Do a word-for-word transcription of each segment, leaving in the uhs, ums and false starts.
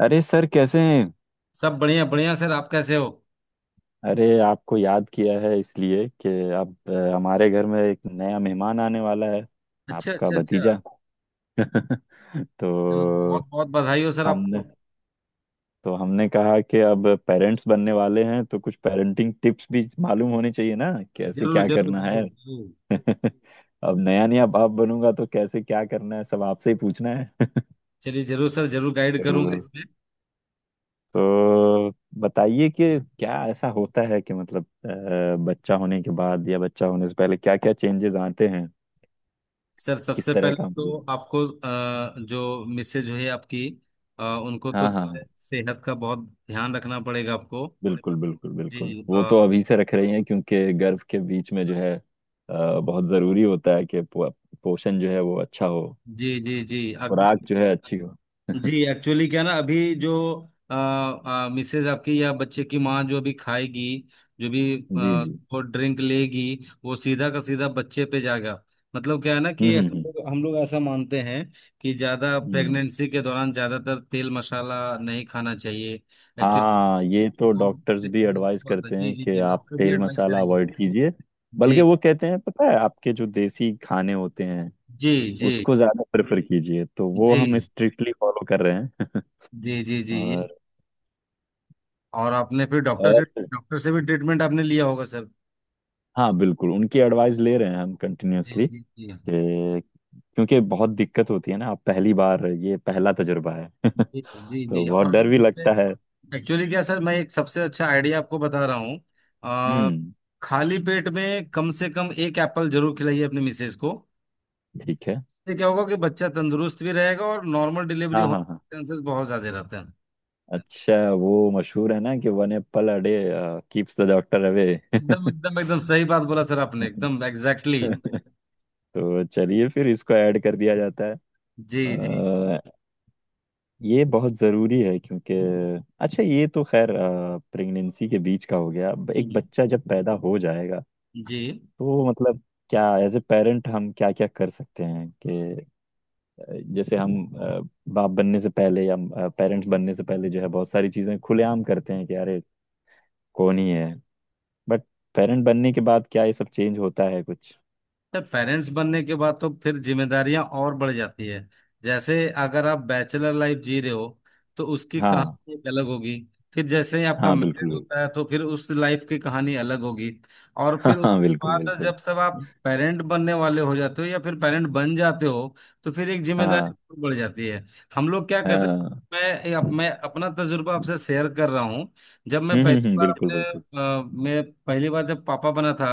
अरे सर, कैसे हैं। सब बढ़िया बढ़िया सर, आप कैसे हो? अरे, आपको याद किया है इसलिए कि अब अ, हमारे घर में एक नया मेहमान आने वाला है। अच्छा, आपका अच्छा, अच्छा। भतीजा। चलो, तो बहुत बहुत बधाई हो सर हमने। आपको। तो हमने कहा कि अब पेरेंट्स बनने वाले हैं तो कुछ पेरेंटिंग टिप्स भी मालूम होनी चाहिए ना, कैसे जरूर, क्या जरूर, करना है। जरूर, जरूर। अब नया नया बाप बनूंगा तो कैसे क्या करना है, सब आपसे ही पूछना है। चलिए, जरूर सर, जरूर गाइड तो करूंगा इसमें। तो बताइए कि क्या ऐसा होता है कि मतलब अ, बच्चा होने के बाद या बच्चा होने से पहले क्या क्या चेंजेस आते हैं। सर किस सबसे तरह पहले का तो मतलब। आपको अ, जो मिसेज हुई आपकी, अ, उनको तो हाँ, हाँ, हाँ, सेहत का बहुत ध्यान रखना पड़ेगा आपको। बिल्कुल, बिल्कुल, बिल्कुल। जी। वो अ, तो अभी से रख रही हैं क्योंकि गर्भ के बीच में जो है अ, बहुत ज़रूरी होता है कि पो, पोषण जो है वो अच्छा हो। जी, जी, जी। अब खुराक जो है अच्छी हो। जी, एक्चुअली क्या ना, अभी जो आ, मिसेज आपकी या बच्चे की माँ जो भी खाएगी, जो भी जी, आ, जी। वो ड्रिंक लेगी, वो सीधा का सीधा बच्चे पे जाएगा। मतलब क्या है ना कि हम्म, हम हम्म, लोग हम लोग ऐसा मानते हैं कि ज्यादा हम्म, हम्म। प्रेगनेंसी के दौरान ज्यादातर तेल मसाला नहीं खाना चाहिए। एक्चुअली हाँ, ये तो डॉक्टर्स भी एडवाइस करते जी, हैं जी, कि जी, आप डॉक्टर भी तेल एडवाइस मसाला करेंगे। अवॉइड कीजिए। बल्कि जी, वो कहते हैं, पता है, आपके जो देसी खाने होते हैं जी, जी, उसको ज्यादा प्रेफर कीजिए, तो वो जी, हम स्ट्रिक्टली फॉलो कर रहे हैं। जी, जी, जी ये। और और आपने फिर डॉक्टर से और डॉक्टर से भी ट्रीटमेंट आपने लिया होगा सर। हाँ, बिल्कुल उनकी एडवाइस ले रहे हैं हम जी, कंटिन्यूअसली। जी, जी, क्योंकि बहुत दिक्कत होती है ना, आप पहली बार, ये पहला तजुर्बा है, जी, जी, जी, तो बहुत और डर ना भी सबसे, लगता है। एक्चुअली क्या सर, मैं एक सबसे अच्छा आइडिया आपको बता रहा हूँ। आ, हम्म। खाली पेट में कम से कम एक एप्पल जरूर खिलाइए अपनी मिसेज को। ठीक है। इससे क्या होगा कि बच्चा तंदुरुस्त भी रहेगा और नॉर्मल डिलीवरी हाँ, होने हाँ, हाँ। के चांसेस बहुत ज्यादा रहते हैं। अच्छा। वो मशहूर है ना कि "one apple a day keeps the doctor away". एकदम, एकदम, एकदम सही बात बोला सर आपने, एकदम एग्जैक्टली exactly। तो चलिए, फिर इसको ऐड कर दिया जाता है। जी, जी। अ, ये बहुत ज़रूरी है क्योंकि अच्छा, ये तो खैर प्रेगनेंसी के बीच का हो गया, अब हम्म, एक हम्म। बच्चा जब पैदा हो जाएगा जी। तो मतलब क्या एज ए पेरेंट हम क्या क्या कर सकते हैं कि अ, जैसे हम अ, बाप बनने से पहले या पेरेंट्स बनने से पहले जो है बहुत सारी चीज़ें खुलेआम करते हैं कि अरे, कौन ही है, बट पेरेंट बनने के बाद क्या ये सब चेंज होता है कुछ? तो पेरेंट्स बनने के बाद तो फिर जिम्मेदारियां और बढ़ जाती है। जैसे, अगर आप बैचलर लाइफ जी रहे हो तो उसकी हाँ हाँ, कहानी एक अलग होगी। फिर जैसे ही आपका हाँ, बिल्कुल, मैरिड बिल्कुल। होता है तो फिर उस लाइफ की कहानी अलग होगी। और हाँ, फिर हाँ, उसके बिल्कुल, बाद बिल्कुल। जब सब आप पेरेंट बनने वाले हो जाते हो या फिर पेरेंट बन जाते हो तो फिर एक जिम्मेदारी हाँ, और बढ़ जाती है। हम लोग क्या कहते हैं, हाँ। मैं अप, मैं अपना तजुर्बा आपसे शेयर कर रहा हूँ। जब मैं हम्म, हम्म, पहली हम्म, बार बिल्कुल, अपने बिल्कुल। अ, मैं पहली बार जब पापा बना था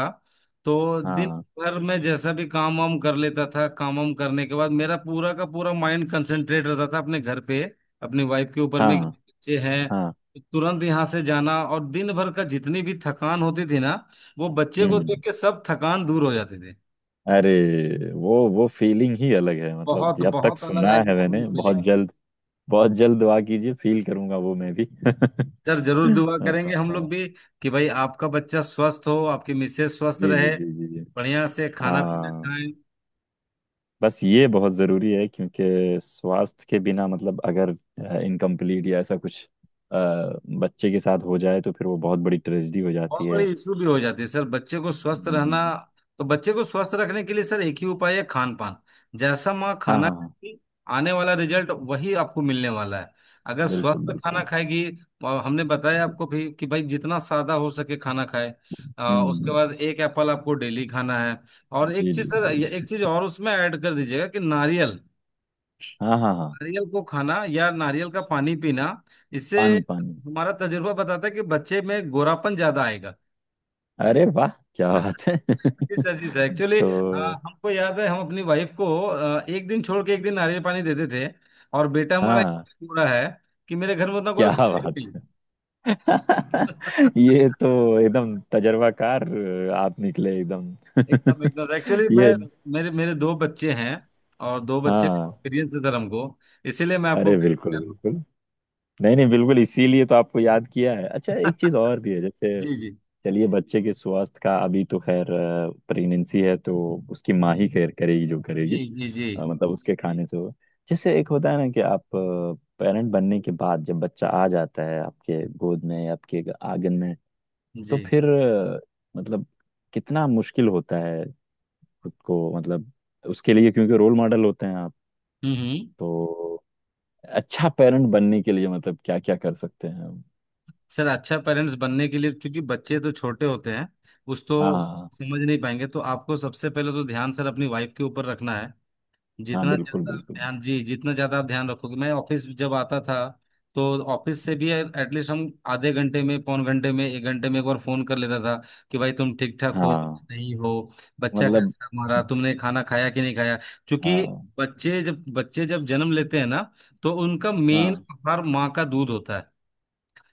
तो दिन हाँ, पर मैं जैसा भी काम वाम कर लेता था, काम वाम करने के बाद मेरा पूरा का पूरा माइंड कंसंट्रेट रहता था अपने घर पे, अपनी वाइफ के ऊपर में, कि हाँ, बच्चे हैं हाँ। तो तुरंत यहाँ से जाना, और दिन भर का जितनी भी थकान होती थी ना, वो बच्चे को देख हम्म। के सब थकान दूर हो जाती थी। अरे, वो वो फीलिंग ही अलग है, मतलब बहुत जब तक बहुत अलग सुना आएगी है सर वो मैंने, बहुत फीलिंग। जल्द। बहुत जल्द दुआ कीजिए, फील करूंगा वो मैं भी। सर जरूर दुआ हाँ। करेंगे हम लोग भी, कि भाई आपका बच्चा स्वस्थ हो, आपकी मिसेज स्वस्थ जी, जी, रहे, जी, जी, जी। बढ़िया से खाना पीना हाँ। खाएं। बस ये बहुत ज़रूरी है क्योंकि स्वास्थ्य के बिना, मतलब अगर इनकम्प्लीट या ऐसा कुछ अ, बच्चे के साथ हो जाए, तो फिर वो बहुत बड़ी ट्रेजेडी हो जाती बहुत बड़ी है। इशू भी हो जाती है सर बच्चे को स्वस्थ रहना। हम्म। तो बच्चे को स्वस्थ रखने के लिए सर एक ही उपाय है, खान पान। जैसा माँ हाँ, खाना हाँ, हाँ, खाएगी, आने वाला रिजल्ट वही आपको मिलने वाला है, अगर बिल्कुल, स्वस्थ खाना बिल्कुल। खाएगी। और हमने बताया आपको भी कि भाई जितना सादा हो सके खाना खाए। आ, उसके हम्म। बाद एक एप्पल आपको डेली खाना है। और एक जी, चीज जी, सर जी, ये- एक जी। चीज और उसमें ऐड कर दीजिएगा, कि नारियल। हाँ, हाँ, हाँ। नारियल को खाना या नारियल का पानी पीना, इससे पानी, पानी। हमारा तजुर्बा बताता है कि बच्चे में गोरापन ज्यादा आएगा। अरे वाह, क्या बात है। जी सर, जी सर, एक्चुअली तो। हमको याद है, हम अपनी वाइफ को अ, एक दिन छोड़ के एक दिन नारियल पानी देते थे। और बेटा हमारा हाँ। इतना गोरा है कि मेरे घर में उतना गोरा क्या कोई है ही बात नहीं। है। ये तो एकदम तजर्बाकार अ, आप निकले एकदम। एकदम, एकदम, एक्चुअली ये। मैं, मेरे मेरे दो बच्चे हैं, और दो बच्चे का हाँ। एक्सपीरियंस है सर हमको, इसीलिए मैं आपको अरे, गाइड कर बिल्कुल, रहा हूँ। बिल्कुल। नहीं, नहीं, बिल्कुल, इसीलिए तो आपको याद किया है। अच्छा, एक चीज और भी है जैसे जी, जी, चलिए बच्चे के स्वास्थ्य का अभी तो खैर, प्रेगनेंसी है तो उसकी माँ ही खैर करेगी जो करेगी। जी, जी, जी, अ, मतलब उसके खाने से होगा। जैसे एक होता है ना कि आप पेरेंट बनने के बाद जब बच्चा आ जाता है आपके गोद में या आपके आंगन में, तो जी। फिर अ, मतलब कितना मुश्किल होता है, खुद को मतलब उसके लिए, क्योंकि रोल मॉडल होते हैं आप। हम्म, हम्म। तो अच्छा पेरेंट बनने के लिए मतलब क्या क्या कर सकते हैं हम? सर अच्छा पेरेंट्स बनने के लिए, क्योंकि बच्चे तो छोटे होते हैं, उस तो हाँ, समझ नहीं पाएंगे, तो आपको सबसे पहले तो ध्यान सर अपनी वाइफ के ऊपर रखना है। हाँ, जितना बिल्कुल, ज्यादा आप बिल्कुल। ध्यान जी जितना ज्यादा आप ध्यान रखोगे, मैं ऑफिस जब आता था तो ऑफिस से भी एटलीस्ट हम आधे घंटे में, पौन घंटे में, एक घंटे में एक बार फोन कर लेता था, कि भाई तुम ठीक ठाक हो, हाँ, नहीं हो, बच्चा मतलब कैसा है हमारा, तुमने खाना खाया कि नहीं खाया। क्योंकि हाँ, बच्चे जब बच्चे जब जन्म लेते हैं ना, तो उनका मेन हाँ। आहार माँ का दूध होता है।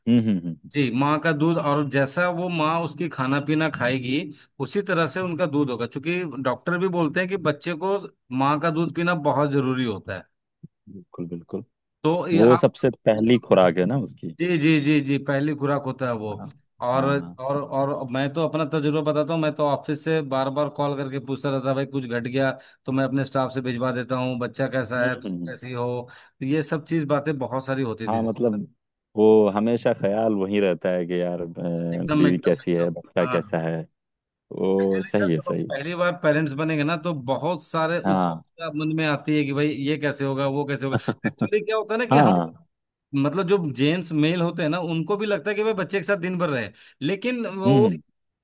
हम्म, हम्म, हम्म, हम्म, जी, माँ का दूध, और जैसा वो माँ उसकी खाना पीना खाएगी उसी तरह से उनका दूध होगा, क्योंकि डॉक्टर भी बोलते हैं कि बच्चे को माँ का दूध पीना बहुत जरूरी होता है। बिल्कुल, बिल्कुल। तो ये वो आप, सबसे पहली मतलब, खुराक है ना उसकी। जी, जी, जी, जी पहली खुराक होता है वो। हाँ, और हाँ। और और मैं तो अपना तजुर्बा बताता हूँ, मैं तो ऑफिस से बार बार कॉल करके पूछता रहता भाई कुछ घट गया, तो मैं अपने स्टाफ से भिजवा देता हूँ, बच्चा कैसा हम्म, है, हम्म, तुम हम्म। कैसी हो। तो ये सब चीज बातें बहुत सारी होती थी हाँ, सर। मतलब वो हमेशा ख्याल वही रहता है कि यार, अ, एकदम, बीवी एकदम, कैसी है, एकदम, बच्चा हाँ। कैसा है। वो एक्चुअली सही सर है, जब आप सही है। पहली बार पेरेंट्स बनेंगे ना तो बहुत सारे हाँ, उत्सुकता मन में आती है कि भाई ये कैसे होगा, वो कैसे होगा। एक्चुअली क्या होता है ना कि हम, हाँ। मतलब जो जेंट्स मेल होते हैं ना उनको भी लगता है कि भाई बच्चे के साथ दिन भर रहे, लेकिन हम्म, वो हम्म।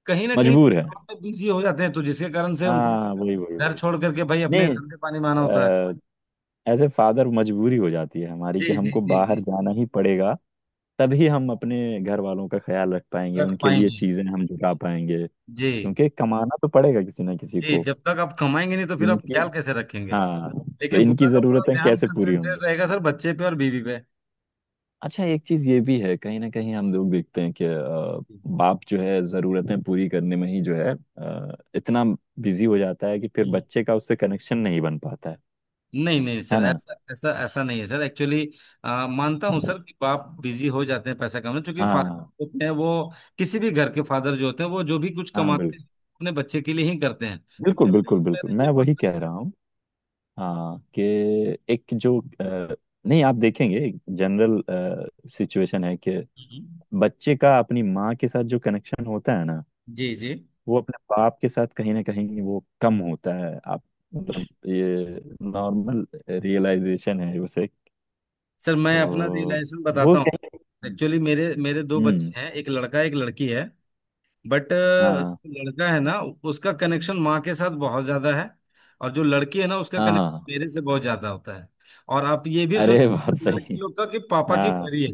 कहीं ना कहीं मजबूर है। बिजी हो जाते हैं तो जिसके कारण से उनको हाँ, वही, वही, घर वही। छोड़ करके भाई अपने नहीं, धंधे पानी माना होता है। एज ए फादर मजबूरी हो जाती है हमारी जी, कि जी, हमको जी, जी। बाहर जाना ही पड़ेगा। तभी हम अपने घर वालों का ख्याल रख पाएंगे, रख उनके लिए पाएंगे। चीजें हम जुटा पाएंगे। जी, क्योंकि कमाना तो पड़ेगा किसी ना किसी जी। को। जब तक आप कमाएंगे नहीं तो फिर आप इनकी ख्याल कैसे रखेंगे। हाँ, तो लेकिन इनकी पूरा का पूरा जरूरतें ध्यान कैसे पूरी होंगी। कंसंट्रेट रहेगा सर बच्चे पे और बीवी पे। अच्छा, एक चीज ये भी है, कहीं ना कहीं हम लोग देखते हैं कि अ, बाप जो है जरूरतें पूरी करने में ही जो है अ, इतना बिजी हो जाता है कि फिर हम्म। बच्चे का उससे कनेक्शन नहीं बन पाता है नहीं नहीं सर, है ना? ऐसा ऐसा ऐसा नहीं है सर। एक्चुअली मानता हूँ सर कि बाप बिजी हो जाते हैं पैसा कमाने, क्योंकि हाँ, हाँ, फादर होते हैं वो। किसी भी घर के फादर जो होते हैं वो जो भी कुछ हाँ, कमाते बिल्कुल, हैं अपने बच्चे के लिए ही करते हैं। बिल्कुल, बिल्कुल, बिल्कुल, मेरा मैं ये वही मानना। कह रहा हूँ। हाँ, कि एक जो अ, नहीं, आप देखेंगे जनरल सिचुएशन है कि हम्म। बच्चे का अपनी माँ के साथ जो कनेक्शन होता है ना, जी, जी। वो अपने बाप के साथ कहीं ना कहीं वो कम होता है। आप मतलब ये नॉर्मल रियलाइजेशन है उसे, सर मैं अपना तो रियलाइजेशन वो बताता हूँ। कहीं। एक्चुअली मेरे मेरे दो बच्चे हम्म। हैं, एक लड़का एक लड़की है। बट हाँ, लड़का है ना, उसका कनेक्शन माँ के साथ बहुत ज्यादा है। और जो लड़की है ना, उसका हाँ, कनेक्शन हाँ। मेरे से बहुत ज्यादा होता है। और आप ये भी सुन, अरे, बात लड़की सही। लोग का कि पापा की हाँ, परी है,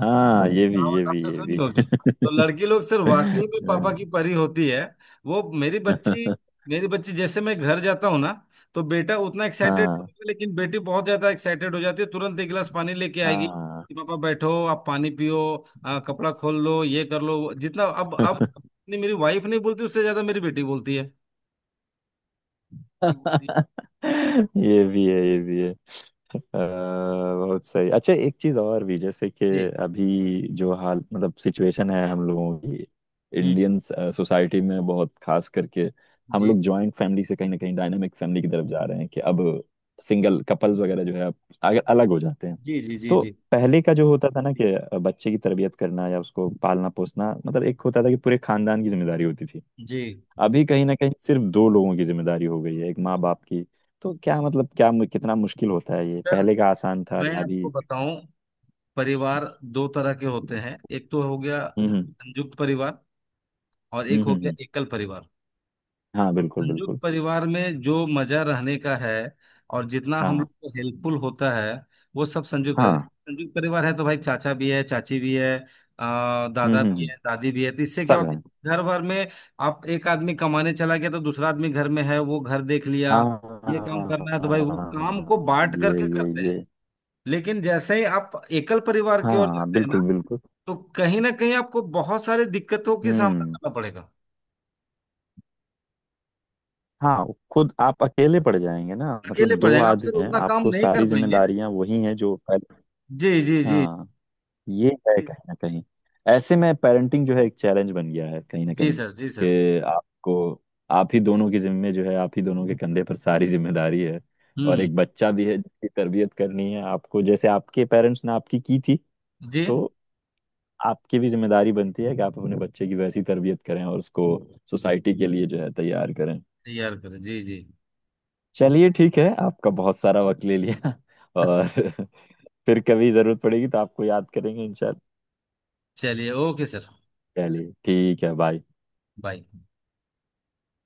हाँ, ये भी, ये कहावत भी, आपने ये सुनी भी। होगी। तो लड़की लोग सिर्फ वाकई में पापा की परी होती है। वो मेरी बच्ची, मेरी बच्ची, जैसे मैं घर जाता हूँ ना, तो बेटा उतना एक्साइटेड, हाँ, लेकिन बेटी बहुत ज्यादा एक्साइटेड हो जाती है, तुरंत एक गिलास पानी लेके आएगी हाँ। कि पापा बैठो, आप पानी पियो, आ, कपड़ा खोल लो, ये कर लो वो- जितना, अब अब नहीं, मेरी वाइफ नहीं बोलती उससे ज्यादा मेरी बेटी बोलती है। ये भी है, ये भी है, अ, बहुत सही। अच्छा, एक चीज और भी जैसे कि जी। अभी जो हाल, मतलब सिचुएशन है हम लोगों की, हम्म। इंडियन सोसाइटी में बहुत खास करके, हम जी, लोग जॉइंट फैमिली से कहीं ना कहीं डायनामिक फैमिली की तरफ जा रहे हैं कि अब सिंगल कपल्स वगैरह जो है अब अग- अलग हो जाते हैं। जी, जी, जी, तो जी, पहले का जो होता था ना कि बच्चे की तरबियत करना या उसको पालना पोसना, मतलब एक होता था कि पूरे खानदान की जिम्मेदारी होती थी। जी। अभी कहीं ना कहीं सिर्फ दो लोगों की जिम्मेदारी हो गई है, एक माँ बाप की। तो क्या मतलब, क्या मु- कितना मुश्किल होता है ये, सर पहले का आसान था मैं या अभी? आपको बताऊं, परिवार दो तरह के होते हैं, एक तो हो गया हम्म, हम्म, संयुक्त परिवार, और हम्म, एक हो हम्म, गया हम्म। एकल परिवार। हाँ, बिल्कुल, संयुक्त बिल्कुल। परिवार में जो मजा रहने का है और जितना हम लोग हाँ, को हेल्पफुल होता है, वो सब संयुक्त परिवार। हाँ। संयुक्त परिवार है तो भाई चाचा भी है, चाची भी है, अ, हम्म, दादा हम्म, भी हम्म। है, दादी भी है, तो इससे क्या सब होता है। है, घर भर में। आप एक आदमी कमाने चला गया तो दूसरा आदमी घर में है, वो घर देख लिया। ये काम करना है तो भाई वो हाँ, काम को बांट ये, करके ये, करते हैं। ये। लेकिन जैसे ही आप एकल परिवार की ओर हाँ, जाते हैं बिल्कुल, ना, बिल्कुल। तो कहीं ना कहीं आपको बहुत सारी दिक्कतों की सामना हम्म। करना पड़ेगा। हाँ, खुद आप अकेले पड़ जाएंगे ना, अकेले मतलब पड़ दो जाएंगे आप, सिर्फ आदमी हैं, उतना काम आपको नहीं कर सारी पाएंगे। जिम्मेदारियां वही हैं जो पहले। जी, जी, जी, हाँ, ये है कहीं ना कहीं, ऐसे में पेरेंटिंग जो है एक चैलेंज बन गया है कहीं ना जी कहीं सर, जी सर। कि आपको, आप ही दोनों की जिम्मे जो है, आप ही दोनों के कंधे पर सारी जिम्मेदारी है। और हम्म। एक बच्चा भी है जिसकी तरबियत करनी है आपको, जैसे आपके पेरेंट्स ने आपकी की थी। जी। तो आपकी भी जिम्मेदारी बनती है कि आप अपने बच्चे की वैसी तरबियत करें और उसको सोसाइटी के लिए जो है तैयार करें। तैयार करें, जी, जी। चलिए, ठीक है, आपका बहुत सारा वक्त ले लिया। और फिर कभी जरूरत पड़ेगी तो आपको याद करेंगे, इंशाल्लाह। चलिए, ओके सर। चलिए ठीक है, बाय। बाय।